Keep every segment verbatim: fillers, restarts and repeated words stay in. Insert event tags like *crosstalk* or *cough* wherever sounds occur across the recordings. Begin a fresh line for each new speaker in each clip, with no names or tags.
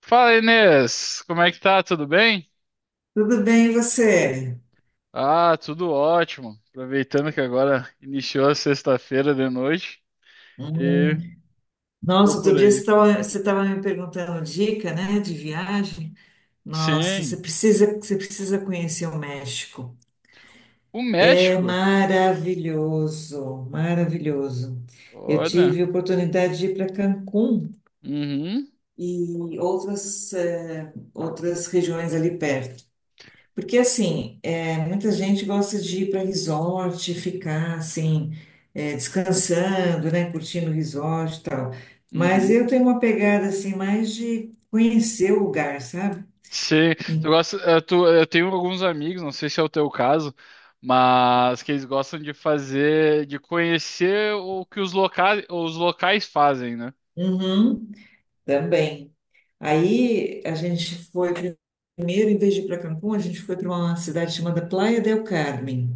Fala, Inês, como é que tá? Tudo bem?
Tudo bem, e você?
Ah, tudo ótimo. Aproveitando que agora iniciou a sexta-feira de noite
Hum.
e tô
Nossa, outro
por
dia você
aí.
estava você estava me perguntando dica, né, de viagem. Nossa, você
Sim,
precisa, você precisa conhecer o México.
o
É
México.
maravilhoso, maravilhoso. Eu
Olha,
tive a oportunidade de ir para Cancún
uhum,
e outras, eh, outras regiões ali perto. Porque, assim, é, muita gente gosta de ir para resort, ficar, assim, é, descansando, né? Curtindo o resort e tal. Mas
uhum.
eu tenho uma pegada, assim, mais de conhecer o lugar, sabe?
Sim, tu
E-
gosta, eh, tu- eu tenho alguns amigos, não sei se é o teu caso, mas que eles gostam de fazer, de conhecer o que os locais, os locais fazem, né?
Uhum, também. Aí, a gente foi... Primeiro, em vez de ir para Cancún, a gente foi para uma cidade chamada Playa del Carmen,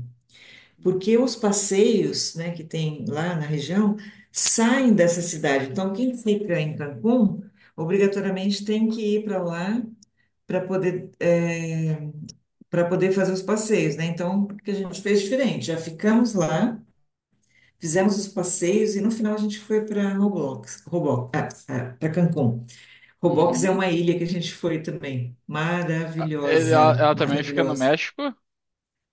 porque os passeios, né, que tem lá na região saem dessa cidade. Então, quem fica em Cancún, obrigatoriamente tem que ir para lá para poder, para poder fazer os passeios, né? Então, o que a gente fez diferente? Já ficamos lá, fizemos os passeios e no final a gente foi para Roblox, Roblox, para Cancún. Roblox é
Uhum.
uma ilha que a gente foi também.
Ah, ele- ela,
Maravilhosa,
ela também fica no
maravilhosa.
México?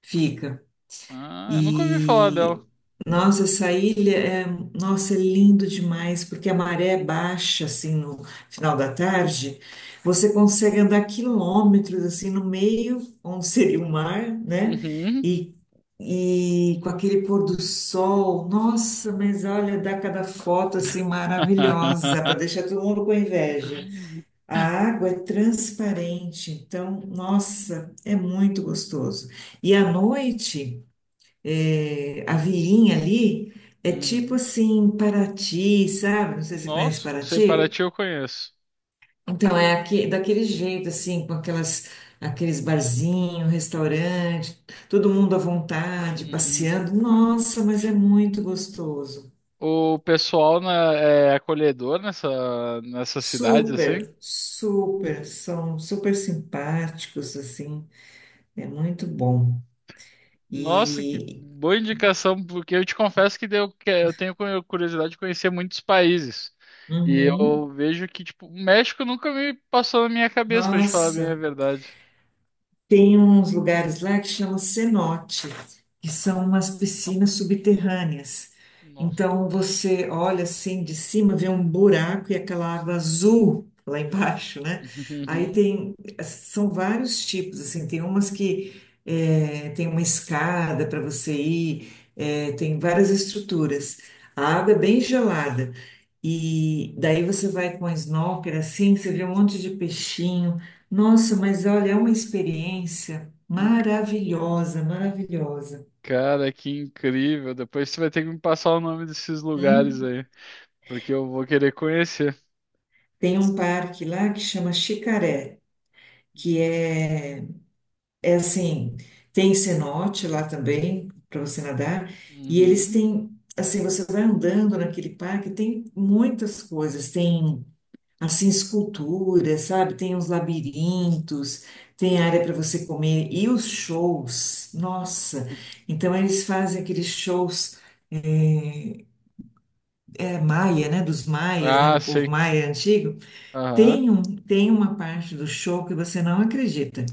Fica.
Ah, eu nunca ouvi falar
E
dela.
nossa, essa ilha é, nossa, é lindo demais, porque a maré é baixa assim no final da tarde, você consegue andar quilômetros assim no meio, onde seria o mar, né?
Uhum.
E, e com aquele pôr do sol, nossa, mas olha, dá cada foto assim maravilhosa para
*laughs*
deixar todo mundo com inveja. A água é transparente, então, nossa, é muito gostoso. E à noite é, a vilinha ali é tipo
Uhum.
assim, Paraty, sabe? Não sei se você conhece
Nossa, sei,
Paraty.
Paraty eu conheço.
Então, é aque- daquele jeito, assim, com aquelas, aqueles barzinhos, restaurante, todo mundo à vontade,
Uhum.
passeando. Nossa, mas é muito gostoso.
O pessoal na- é acolhedor nessa, nessas cidades, assim?
Super, super, são super simpáticos, assim, é muito bom.
Nossa, que
E,
boa indicação, porque eu te confesso que eu, que- eu tenho cu- curiosidade de conhecer muitos países. E
uhum,
eu vejo que, tipo, o México nunca me passou na minha cabeça, pra te falar bem a
nossa.
verdade.
Tem uns lugares lá que chama cenote, que são umas piscinas subterrâneas.
Nossa.
Então você olha assim de cima, vê um buraco e aquela água azul lá embaixo, né? Aí
*laughs*
tem, são vários tipos, assim, tem umas que é, tem uma escada para você ir, é, tem várias estruturas. A água é bem gelada. E daí você vai com a snorkel assim, você vê um monte de peixinho. Nossa, mas olha, é uma experiência
Uhum.
maravilhosa, maravilhosa.
Cara, que incrível. Depois você vai ter que me passar o nome desses lugares
Hum?
aí, porque eu vou querer conhecer.
Tem um parque lá que chama Xicaré, que é, é assim, tem cenote lá também para você nadar. E eles
Uhum.
têm, assim, você vai andando naquele parque, tem muitas coisas. Tem assim, esculturas, sabe? Tem uns labirintos, tem área para você comer e os shows, nossa. Então eles fazem aqueles shows, eh, é maia, né? Dos maias, né?
Ah,
Do povo
sei.
maia antigo.
Aham.
Tem um, tem uma parte do show que você não acredita.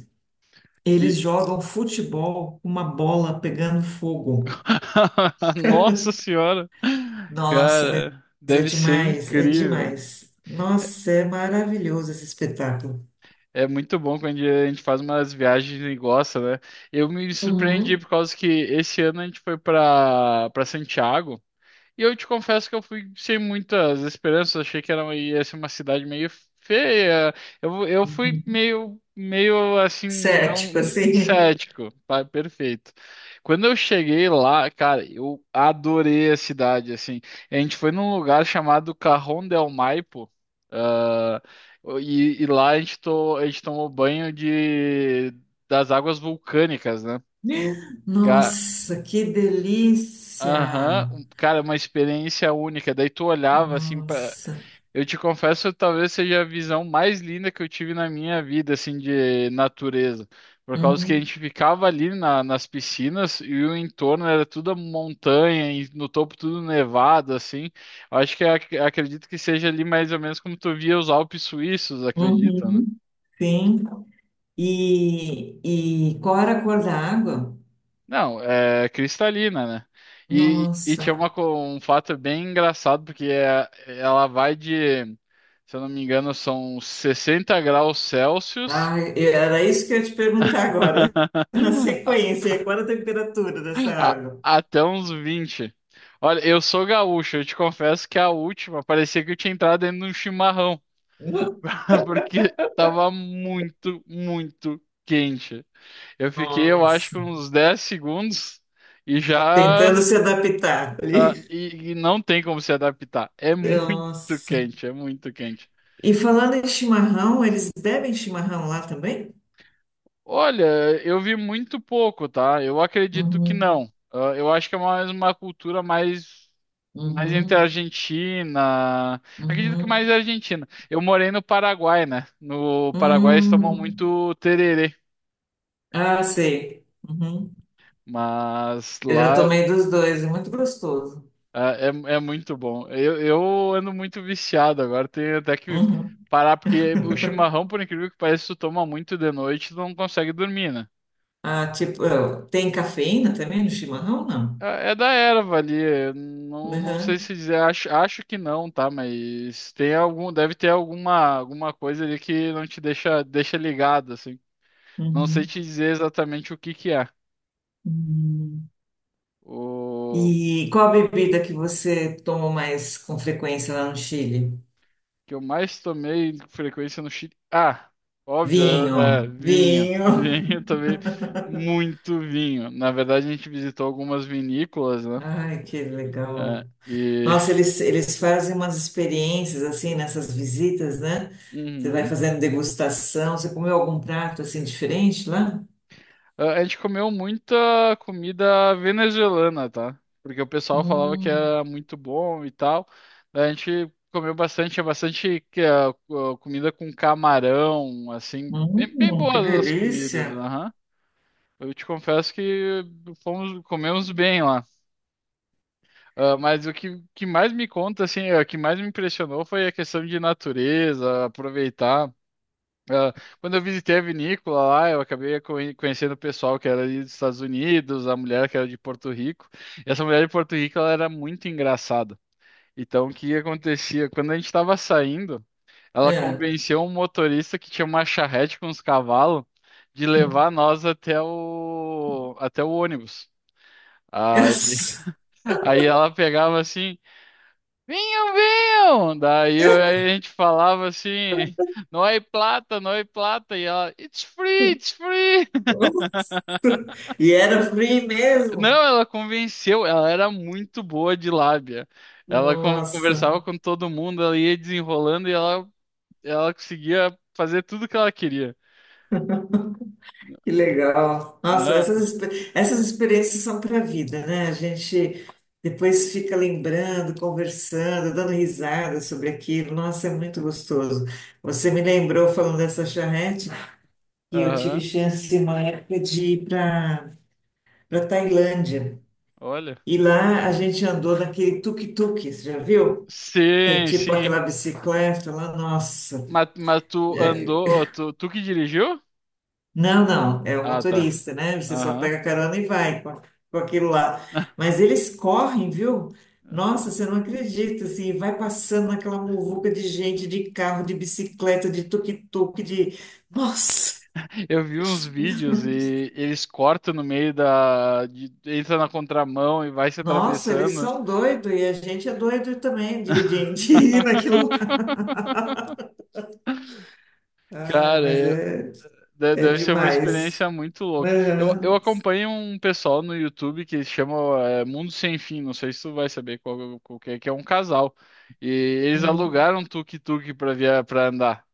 Eles
Que...
jogam futebol com uma bola pegando fogo.
*laughs* Nossa Senhora!
Nossa, mas
Cara,
é
deve ser
demais, é
incrível.
demais. Nossa, é maravilhoso esse espetáculo.
É muito bom quando a gente faz umas viagens e gosta, né? Eu me surpreendi
Uhum.
por causa que esse ano a gente foi para para Santiago. E eu te confesso que eu fui sem muitas esperanças, achei que era, ia ser uma cidade meio feia. Eu, eu fui meio, meio assim, não
Cético,
*laughs*
assim.
cético, tá? Perfeito. Quando eu cheguei lá, cara, eu adorei a cidade, assim. A gente foi num lugar chamado Cajón del Maipo, ah, e, e lá a gente, to- a gente tomou banho de, das águas vulcânicas, né? Ca-
Nossa, que delícia!
Aham, um- cara, uma experiência única. Daí tu olhava assim pra.
Nossa.
Eu te confesso, talvez seja a visão mais linda que eu tive na minha vida, assim, de natureza. Por causa que a
Uhum,
gente ficava ali na- nas piscinas e o entorno era tudo montanha, e no topo tudo nevado, assim. Eu acho que ac- acredito que seja ali mais ou menos como tu via os Alpes suíços, acredito.
uhum, sim. E, e qual era a cor da água?
Não, é cristalina, né? E, e
Nossa.
tinha uma, co- um fato bem engraçado, porque é- ela vai de, se eu não me engano, são sessenta graus Celsius
Ah, era isso que eu ia te perguntar agora. *laughs* Na
*laughs* a-
sequência, qual era a temperatura dessa
a-
água?
até uns vinte. Olha, eu sou gaúcho, eu te confesso que a última parecia que eu tinha entrado dentro de um chimarrão, *laughs* porque tava muito, muito quente. Eu fiquei, eu acho
Nossa.
que uns dez segundos e já.
Tentando se adaptar
Ah,
ali.
e, e não tem como se adaptar. É muito
Nossa.
quente, é muito quente.
E falando em chimarrão, eles bebem chimarrão lá também?
Olha, eu vi muito pouco, tá? Eu acredito que
Uhum,
não. Ah, eu acho que é mais uma cultura mais, mais entre a
uhum,
Argentina. Acredito que
uhum.
mais a Argentina. Eu morei no Paraguai, né? No Paraguai eles tomam
Hum.
muito tererê,
Ah, sei. Uhum.
mas
Eu já
lá.
tomei dos dois, é muito gostoso.
Ah, é, é muito bom. Eu, eu ando muito viciado agora, tenho até que
Uhum.
parar, porque o chimarrão, por incrível que pareça, tu toma muito de noite, tu não consegue dormir, né?
Ah, tipo, ah, tem cafeína também no chimarrão? Não.
É é da erva ali, eu não, não sei
Uhum.
se dizer, acho, acho que não, tá? Mas tem algum, deve ter alguma, alguma coisa ali que não te deixa, deixa ligado, assim. Não sei
Uhum.
te dizer exatamente o que que é.
Uhum.
O...
E qual a bebida que você toma mais com frequência lá no Chile?
que eu mais tomei com frequência no Chile. Ah, óbvio, é, é,
Vinho,
vinho. *laughs*
vinho.
Vinho, eu tomei muito vinho. Na verdade, a gente visitou algumas vinícolas, né?
*laughs* Ai, que
É,
legal.
e
Nossa, eles, eles fazem umas experiências assim nessas visitas, né? Você vai
uhum.
fazendo degustação. Você comeu algum prato assim diferente lá?
Ah, a gente comeu muita comida venezuelana, tá? Porque o pessoal falava que
Hum.
era muito bom e tal. Daí a gente comeu bastante, é bastante que é, co- comida com camarão, assim, bem, bem
Hum, que
boas as
delícia.
comidas, aham. Eu te confesso que fomos, comemos bem lá. Ah, mas o que, que mais me conta, assim, é, o que mais me impressionou foi a questão de natureza, aproveitar. Ah, quando eu visitei a vinícola lá, eu acabei conhe- conhecendo o pessoal que era ali dos Estados Unidos, a mulher que era de Porto Rico. E essa mulher de Porto Rico, ela era muito engraçada. Então, o que acontecia? Quando a gente estava saindo, ela
É.
convenceu um motorista que tinha uma charrete com os cavalos de levar
*laughs*
nós até o, até o ônibus. Aí,
Yes.
aí ela pegava assim, vinham, vinham! Daí eu- aí a gente falava assim, não é plata, não é plata, e ela, it's free, it's free!
Nossa. E era free
Não,
mesmo.
ela convenceu, ela era muito boa de lábia. Ela con-
Nossa,
conversava com todo mundo, ela ia desenrolando e ela, ela conseguia fazer tudo que ela queria.
que legal. Nossa, essas,
Não,
expe- essas experiências são para a vida, né? A gente depois fica lembrando, conversando, dando risada sobre aquilo. Nossa, é muito gostoso. Você me lembrou falando dessa charrete que eu tive
aham,
chance uma época de ir para para Tailândia.
olha.
E lá a gente andou naquele tuk-tuk, você já viu? Que é
Sim,
tipo
sim.
aquela bicicleta lá, nossa.
Mas, mas tu
É-
andou, tu, tu que dirigiu?
não, não, é o
Ah, tá.
motorista, né? Você só
Aham.
pega a carona e vai com, a- com aquilo lá.
*laughs*
Mas eles correm, viu? Nossa, você não acredita, assim, vai passando naquela muvuca de gente, de carro, de bicicleta, de tuk-tuk, de... Nossa!
Eu vi uns vídeos e eles cortam no meio da. de- entra na contramão e vai se
Nossa, eles
atravessando.
são doidos e a gente é doido também de, de, *laughs* de ir naquilo lá.
*laughs*
Ai,
Cara,
mas
eu-
é,
de-
é
deve ser uma
demais.
experiência muito louca. Eu, eu
Aham.
acompanho um pessoal no YouTube que chama é, Mundo Sem Fim, não sei se tu vai saber qual, qual que é, que é um casal. E eles
Hum.
alugaram um tuk-tuk pra, via- pra andar.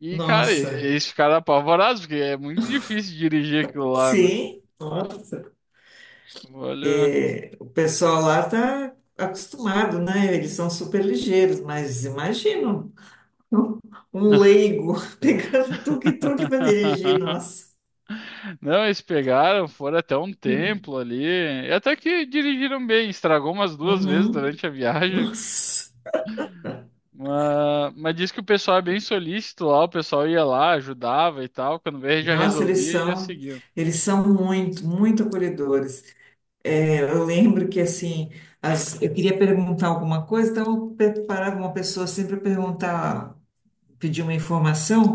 E, cara, e-
Nossa,
eles ficaram apavorados, porque é muito difícil dirigir aquilo lá, né?
sim, nossa.
Olha.
É, o pessoal lá tá acostumado, né? Eles são super ligeiros, mas imagina um, um leigo *laughs* pegando um tuk-tuk para dirigir,
*laughs*
nossa.
Não, eles pegaram, foram até um
Hum.
templo ali. E até que dirigiram bem, estragou umas duas vezes
Uhum.
durante a viagem.
Nossa.
Mas, mas diz que o pessoal é bem solícito lá, o pessoal ia lá, ajudava e tal. Quando veio, já
Nossa, eles
resolvia e já
são,
seguia.
eles são muito, muito acolhedores. É, eu lembro que assim, as- eu queria perguntar alguma coisa, então eu preparava uma pessoa sempre para perguntar, pedir uma informação.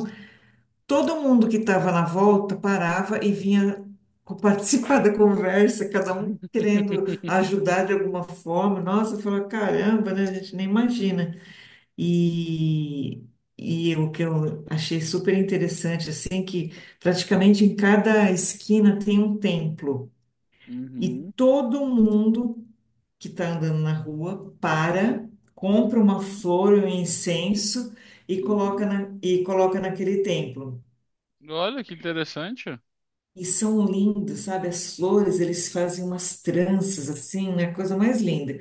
Todo mundo que estava na volta parava e vinha co- participar da conversa, cada um querendo
*laughs*
ajudar de alguma forma. Nossa, eu falava, caramba, né? A gente nem imagina. E, e o que eu achei super interessante, assim, que praticamente em cada esquina tem um templo. E
Uhum,
todo mundo que está andando na rua para, compra uma flor, um incenso e coloca
uhum.
na, e coloca naquele templo.
Olha que interessante.
E são lindos, sabe? As flores, eles fazem umas tranças assim, né? Coisa mais linda.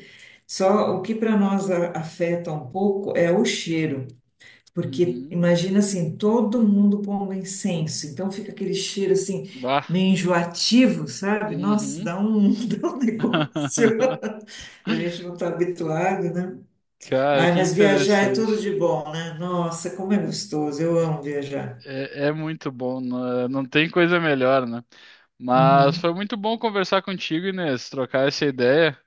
Só o que para nós a- afeta um pouco é o cheiro, porque
Uhum.
imagina assim, todo mundo pondo incenso, então fica aquele cheiro assim,
Bah.
meio enjoativo, sabe? Nossa,
Uhum.
dá um, *laughs* dá um negócio.
*laughs*
E a gente não está habituado, né?
Cara,
Ai,
que
mas viajar é tudo
interessante.
de bom, né? Nossa, como é gostoso, eu amo viajar.
É, é muito bom, né? Não tem coisa melhor, né? Mas foi
Uhum.
muito bom conversar contigo, Inês, trocar essa ideia.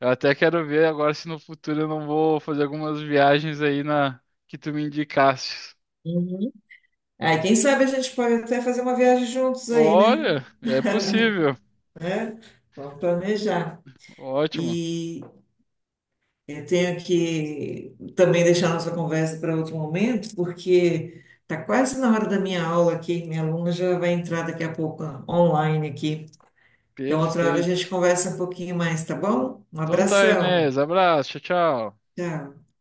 Eu até quero ver agora se no futuro eu não vou fazer algumas viagens aí na que tu me indicaste.
Aí, quem sabe a gente pode até fazer uma viagem juntos aí, né?
Olha, é possível.
Né? Vamos planejar.
Ótimo.
E eu tenho que também deixar nossa conversa para outro momento, porque está quase na hora da minha aula aqui. Minha aluna já vai entrar daqui a pouco online aqui. Então, outra hora a gente
Perfeito.
conversa um pouquinho mais, tá bom? Um
Então tá,
abração.
Inês. Abraço. Tchau, tchau.
Tchau.